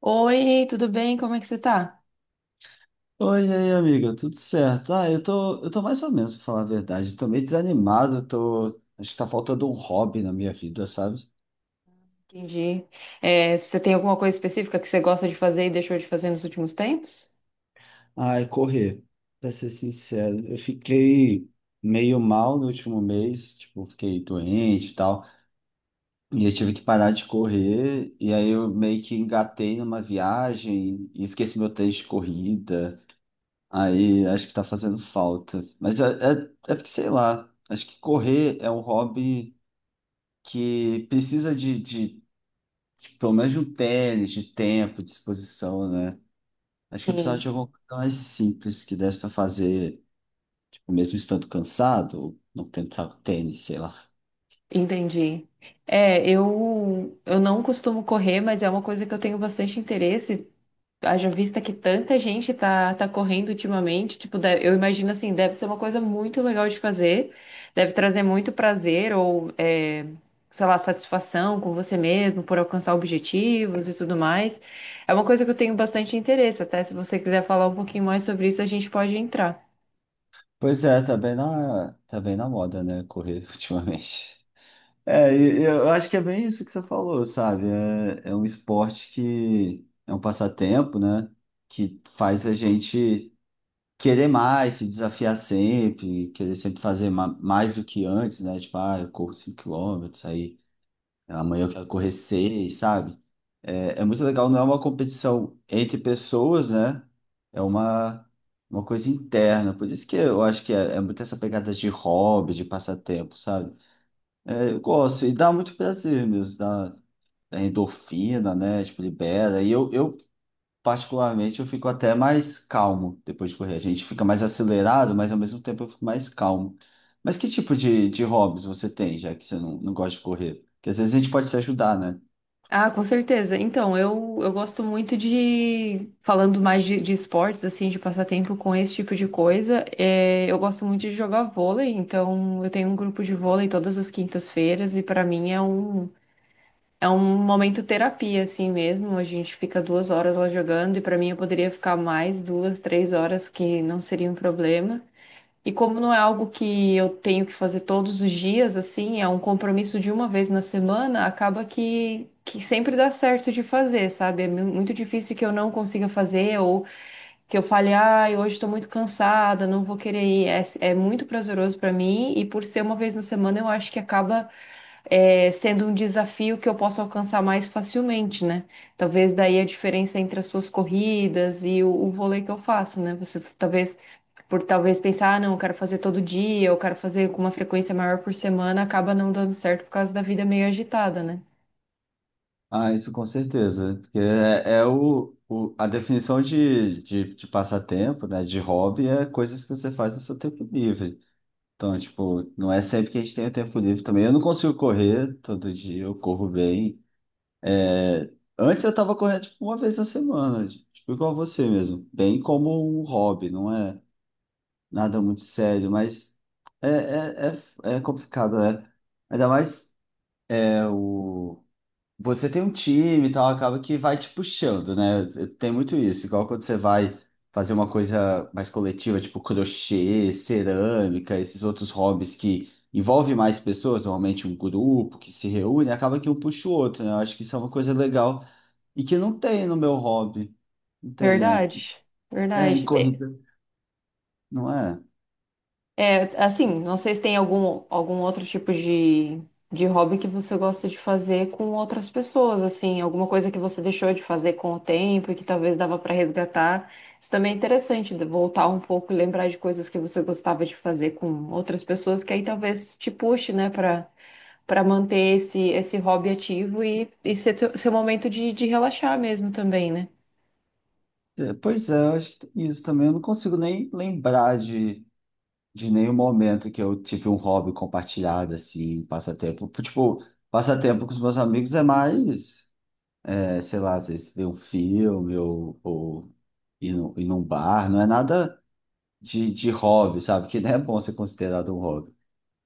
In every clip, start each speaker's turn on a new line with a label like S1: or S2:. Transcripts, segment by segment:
S1: Oi, tudo bem? Como é que você tá?
S2: Oi, e aí, amiga, tudo certo? Eu tô mais ou menos, pra falar a verdade. Tô meio desanimado, Acho que tá faltando um hobby na minha vida, sabe?
S1: Entendi. É, você tem alguma coisa específica que você gosta de fazer e deixou de fazer nos últimos tempos?
S2: Ai, correr, pra ser sincero. Eu fiquei meio mal no último mês, tipo, fiquei doente e tal. E eu tive que parar de correr, e aí eu meio que engatei numa viagem e esqueci meu tênis de corrida. Aí acho que tá fazendo falta. Mas é porque, sei lá, acho que correr é um hobby que precisa de pelo menos de um tênis, de tempo, de disposição, né? Acho que eu precisava
S1: Sim,
S2: de alguma coisa mais simples que desse para fazer, tipo, mesmo estando cansado, ou não tentar o tênis, sei lá.
S1: entendi. É, eu não costumo correr, mas é uma coisa que eu tenho bastante interesse. Haja vista que tanta gente tá correndo ultimamente, tipo, eu imagino assim, deve ser uma coisa muito legal de fazer, deve trazer muito prazer ou, é, sei lá, satisfação com você mesmo por alcançar objetivos e tudo mais. É uma coisa que eu tenho bastante interesse, até se você quiser falar um pouquinho mais sobre isso, a gente pode entrar.
S2: Pois é, tá bem na moda, né? Correr ultimamente. É, e eu acho que é bem isso que você falou, sabe? É, é um esporte que é um passatempo, né? Que faz a gente querer mais, se desafiar sempre, querer sempre fazer mais do que antes, né? Tipo, ah, eu corro 5 km aí amanhã eu quero correr 6, sabe? É, é muito legal, não é uma competição entre pessoas, né? É uma, uma coisa interna. Por isso que eu acho que é, é muito essa pegada de hobby, de passatempo, sabe? É, eu gosto e dá muito prazer mesmo, dá endorfina, né? Tipo, libera. E eu particularmente, eu fico até mais calmo depois de correr. A gente fica mais acelerado, mas ao mesmo tempo eu fico mais calmo. Mas que tipo de hobbies você tem, já que você não gosta de correr? Porque às vezes a gente pode se ajudar, né?
S1: Ah, com certeza. Então, eu gosto muito de, falando mais de esportes, assim, de passar tempo com esse tipo de coisa, é, eu gosto muito de jogar vôlei, então eu tenho um grupo de vôlei todas as quintas-feiras e para mim é um momento terapia, assim mesmo. A gente fica 2 horas lá jogando e para mim eu poderia ficar mais 2, 3 horas, que não seria um problema. E como não é algo que eu tenho que fazer todos os dias, assim, é um compromisso de uma vez na semana, acaba que sempre dá certo de fazer, sabe? É muito difícil que eu não consiga fazer ou que eu fale, ai, hoje estou muito cansada, não vou querer ir. É, é muito prazeroso para mim e por ser uma vez na semana, eu acho que acaba é, sendo um desafio que eu posso alcançar mais facilmente, né? Talvez daí a diferença entre as suas corridas e o vôlei que eu faço, né? Você talvez, por talvez pensar, ah, não, eu quero fazer todo dia, eu quero fazer com uma frequência maior por semana, acaba não dando certo por causa da vida meio agitada, né?
S2: Ah, isso com certeza. Porque é, é a definição de passatempo, né? De hobby é coisas que você faz no seu tempo livre. Então, tipo, não é sempre que a gente tem o tempo livre também. Eu não consigo correr todo dia, eu corro bem. É, antes eu estava correndo tipo, uma vez na semana, tipo igual você mesmo, bem como um hobby, não é nada muito sério, mas é, é, é complicado, né? Ainda mais é, o você tem um time e tal, acaba que vai te puxando, né? Tem muito isso, igual quando você vai fazer uma coisa mais coletiva, tipo crochê, cerâmica, esses outros hobbies que envolve mais pessoas, normalmente um grupo que se reúne, acaba que um puxa o outro, né? Eu acho que isso é uma coisa legal e que não tem no meu hobby. Não tem, né?
S1: Verdade,
S2: É, em
S1: verdade.
S2: corrida, não é?
S1: Assim, não sei se tem algum, algum outro tipo de hobby que você gosta de fazer com outras pessoas, assim, alguma coisa que você deixou de fazer com o tempo e que talvez dava para resgatar. Isso também é interessante, de voltar um pouco e lembrar de coisas que você gostava de fazer com outras pessoas, que aí talvez te puxe, né, para manter esse, esse hobby ativo e ser seu momento de relaxar mesmo também, né?
S2: É, Pois é, eu acho que tem isso também. Eu não consigo nem lembrar de nenhum momento que eu tive um hobby compartilhado, assim, passatempo. Tipo, passatempo com os meus amigos é mais, é, sei lá, às vezes ver um filme ou ir num bar, não é nada de hobby, sabe? Que não é bom ser considerado um hobby.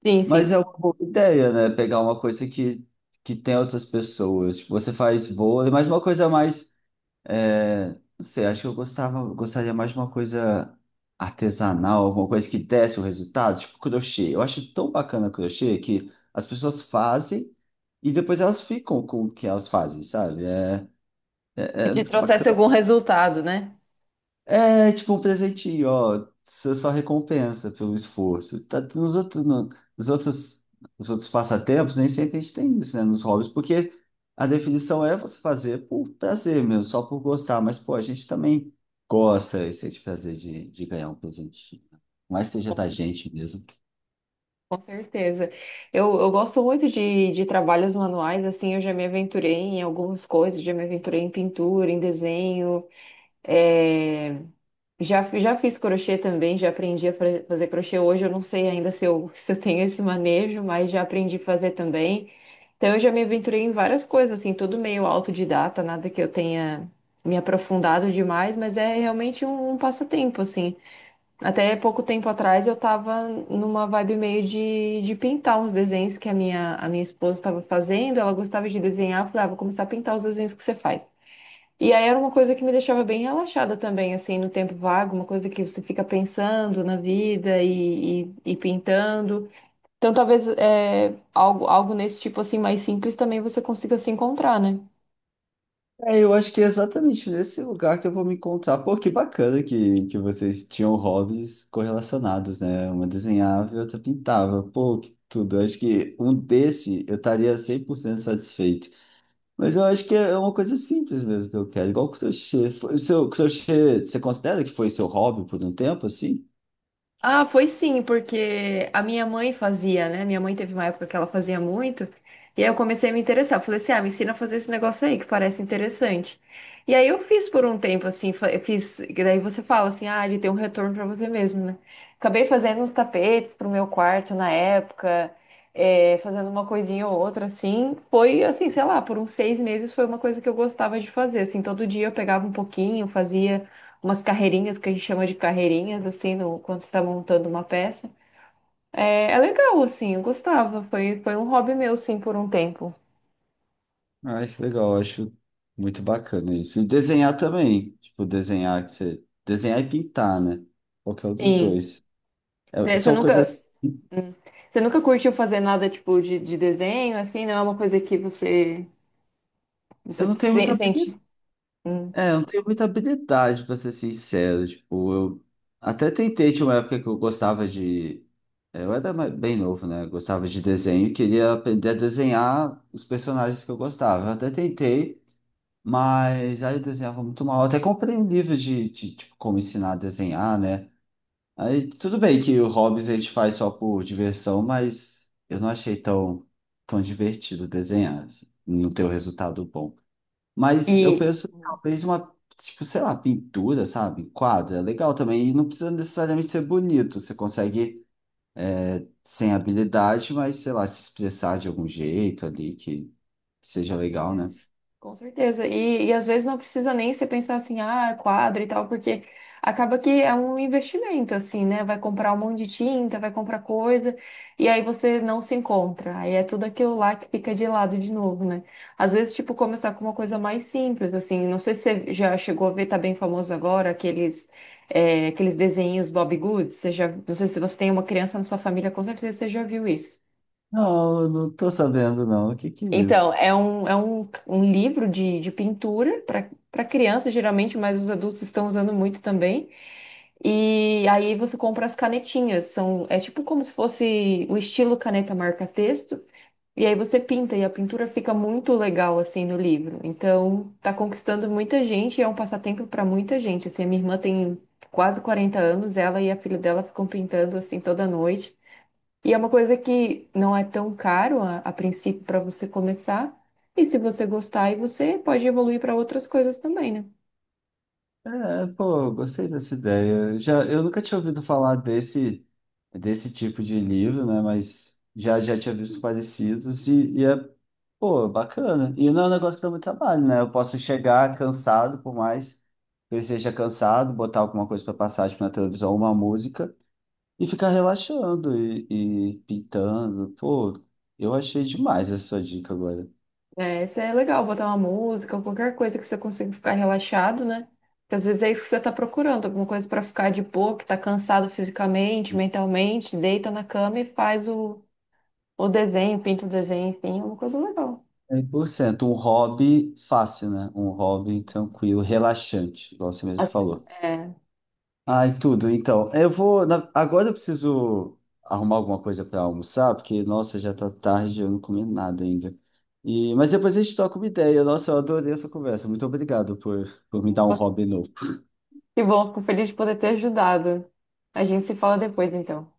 S1: Sim,
S2: Mas
S1: sim.
S2: é uma boa ideia, né? Pegar uma coisa que tem outras pessoas. Tipo, você faz vôlei, mas uma coisa mais não sei, acho que eu gostava, gostaria mais de uma coisa artesanal, alguma coisa que desse o resultado, tipo crochê. Eu acho tão bacana crochê que as pessoas fazem e depois elas ficam com o que elas fazem, sabe?
S1: E
S2: É
S1: te
S2: muito
S1: trouxesse
S2: bacana.
S1: algum resultado, né?
S2: É tipo um presentinho, ó. Você só recompensa pelo esforço. Tá, nos outros, nos outros passatempos, nem sempre a gente tem isso, né? Nos hobbies, porque a definição é você fazer por prazer mesmo, só por gostar. Mas, pô, a gente também gosta e sente prazer de ganhar um presentinho. Né? Mas seja da gente mesmo.
S1: Com certeza. Eu gosto muito de trabalhos manuais, assim, eu já me aventurei em algumas coisas, já me aventurei em pintura, em desenho, é, já, já fiz crochê também, já aprendi a fazer crochê. Hoje eu não sei ainda se eu, se eu tenho esse manejo, mas já aprendi a fazer também. Então eu já me aventurei em várias coisas, assim, tudo meio autodidata, nada que eu tenha me aprofundado demais, mas é realmente um, um passatempo, assim. Até pouco tempo atrás eu tava numa vibe meio de pintar uns desenhos que a minha esposa estava fazendo, ela gostava de desenhar, eu falei, ah, vou começar a pintar os desenhos que você faz. E aí era uma coisa que me deixava bem relaxada também, assim, no tempo vago, uma coisa que você fica pensando na vida e pintando. Então talvez é, algo, algo nesse tipo assim mais simples também você consiga se encontrar, né?
S2: É, eu acho que é exatamente nesse lugar que eu vou me encontrar. Pô, que bacana que vocês tinham hobbies correlacionados, né? Uma desenhava e outra pintava. Pô, que tudo. Eu acho que um desse eu estaria 100% satisfeito. Mas eu acho que é uma coisa simples mesmo que eu quero, igual crochê. O seu crochê, você considera que foi seu hobby por um tempo, assim?
S1: Ah, foi sim, porque a minha mãe fazia, né? Minha mãe teve uma época que ela fazia muito, e aí eu comecei a me interessar. Eu falei assim, ah, me ensina a fazer esse negócio aí, que parece interessante. E aí eu fiz por um tempo, assim, eu fiz, e daí você fala assim, ah, ele tem um retorno pra você mesmo, né? Acabei fazendo uns tapetes pro meu quarto na época, fazendo uma coisinha ou outra, assim. Foi, assim, sei lá, por uns 6 meses foi uma coisa que eu gostava de fazer, assim, todo dia eu pegava um pouquinho, fazia umas carreirinhas que a gente chama de carreirinhas, assim, no, quando você tá montando uma peça. É, é legal, assim, eu gostava. Foi, foi um hobby meu, sim, por um tempo.
S2: Ai, que legal. Eu Acho muito bacana isso. E desenhar também. Tipo, Desenhar e pintar, né? Qualquer um dos
S1: Sim.
S2: dois. É-
S1: Você você
S2: são
S1: nunca.
S2: coisas
S1: hum. Você nunca curtiu fazer nada tipo de desenho, assim? Não é uma coisa que você,
S2: Eu
S1: você
S2: não tenho muita
S1: sente.
S2: habilidade,
S1: Hum.
S2: é, eu não tenho muita habilidade, pra ser sincero. Tipo, eu até tentei, tinha uma época que eu gostava de. É, Eu era bem novo, né? Eu gostava de desenho, e queria aprender a desenhar os personagens que eu gostava. Eu até tentei, mas aí eu desenhava muito mal. Eu até comprei um livro tipo, como ensinar a desenhar, né? Aí tudo bem que o Hobbes a gente faz só por diversão, mas eu não achei tão divertido desenhar, assim, não ter o resultado bom. Mas eu
S1: E.
S2: penso, tipo, sei lá, pintura, sabe? Quadro, é legal também. E não precisa necessariamente ser bonito. Você consegue, sem habilidade, mas, sei lá, se expressar de algum jeito ali que seja
S1: Com
S2: legal, né?
S1: certeza, com certeza. E às vezes não precisa nem você pensar assim, ah, quadro e tal, porque acaba que é um investimento, assim, né? Vai comprar um monte de tinta, vai comprar coisa, e aí você não se encontra. Aí é tudo aquilo lá que fica de lado de novo, né? Às vezes, tipo, começar com uma coisa mais simples, assim. Não sei se você já chegou a ver, tá bem famoso agora, aqueles, é, aqueles desenhos Bob Goods. Você já, não sei se você tem uma criança na sua família, com certeza você já viu isso.
S2: Não, eu não tô sabendo, não. O que que é isso?
S1: Então, é um, um livro de pintura para criança, geralmente, mas os adultos estão usando muito também. E aí você compra as canetinhas, são, é tipo como se fosse o estilo caneta marca-texto, e aí você pinta, e a pintura fica muito legal assim no livro. Então, tá conquistando muita gente, e é um passatempo para muita gente. Assim, a minha irmã tem quase 40 anos, ela e a filha dela ficam pintando assim toda noite. E é uma coisa que não é tão caro a princípio para você começar. E se você gostar, aí você pode evoluir para outras coisas também, né?
S2: É, pô, eu gostei dessa ideia. Eu nunca tinha ouvido falar desse tipo de livro, né? Mas já, já tinha visto parecidos Pô, bacana. E não é um negócio que dá muito trabalho, né? Eu posso chegar cansado, por mais que eu esteja cansado, botar alguma coisa para passar, tipo, na televisão, uma música, e ficar relaxando e pintando. Pô, eu achei demais essa dica agora.
S1: É, isso é legal, botar uma música ou qualquer coisa que você consiga ficar relaxado, né? Porque às vezes é isso que você está procurando, alguma coisa para ficar de boa, que tá cansado fisicamente, mentalmente, deita na cama e faz o desenho, pinta o desenho, enfim, é uma coisa legal.
S2: É 100% um hobby fácil, né? Um hobby tranquilo, relaxante, igual você mesmo
S1: Assim,
S2: falou.
S1: é,
S2: Ai, tudo. Então, Agora eu preciso arrumar alguma coisa para almoçar, porque, nossa, já tá tarde, eu não comi nada ainda. Mas depois a gente troca uma ideia. Nossa, eu adorei essa conversa. Muito obrigado por me dar um hobby novo.
S1: que bom, fico feliz de poder ter ajudado. A gente se fala depois, então.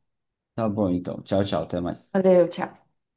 S2: Tá bom, então. Tchau, tchau. Até mais.
S1: Valeu, tchau.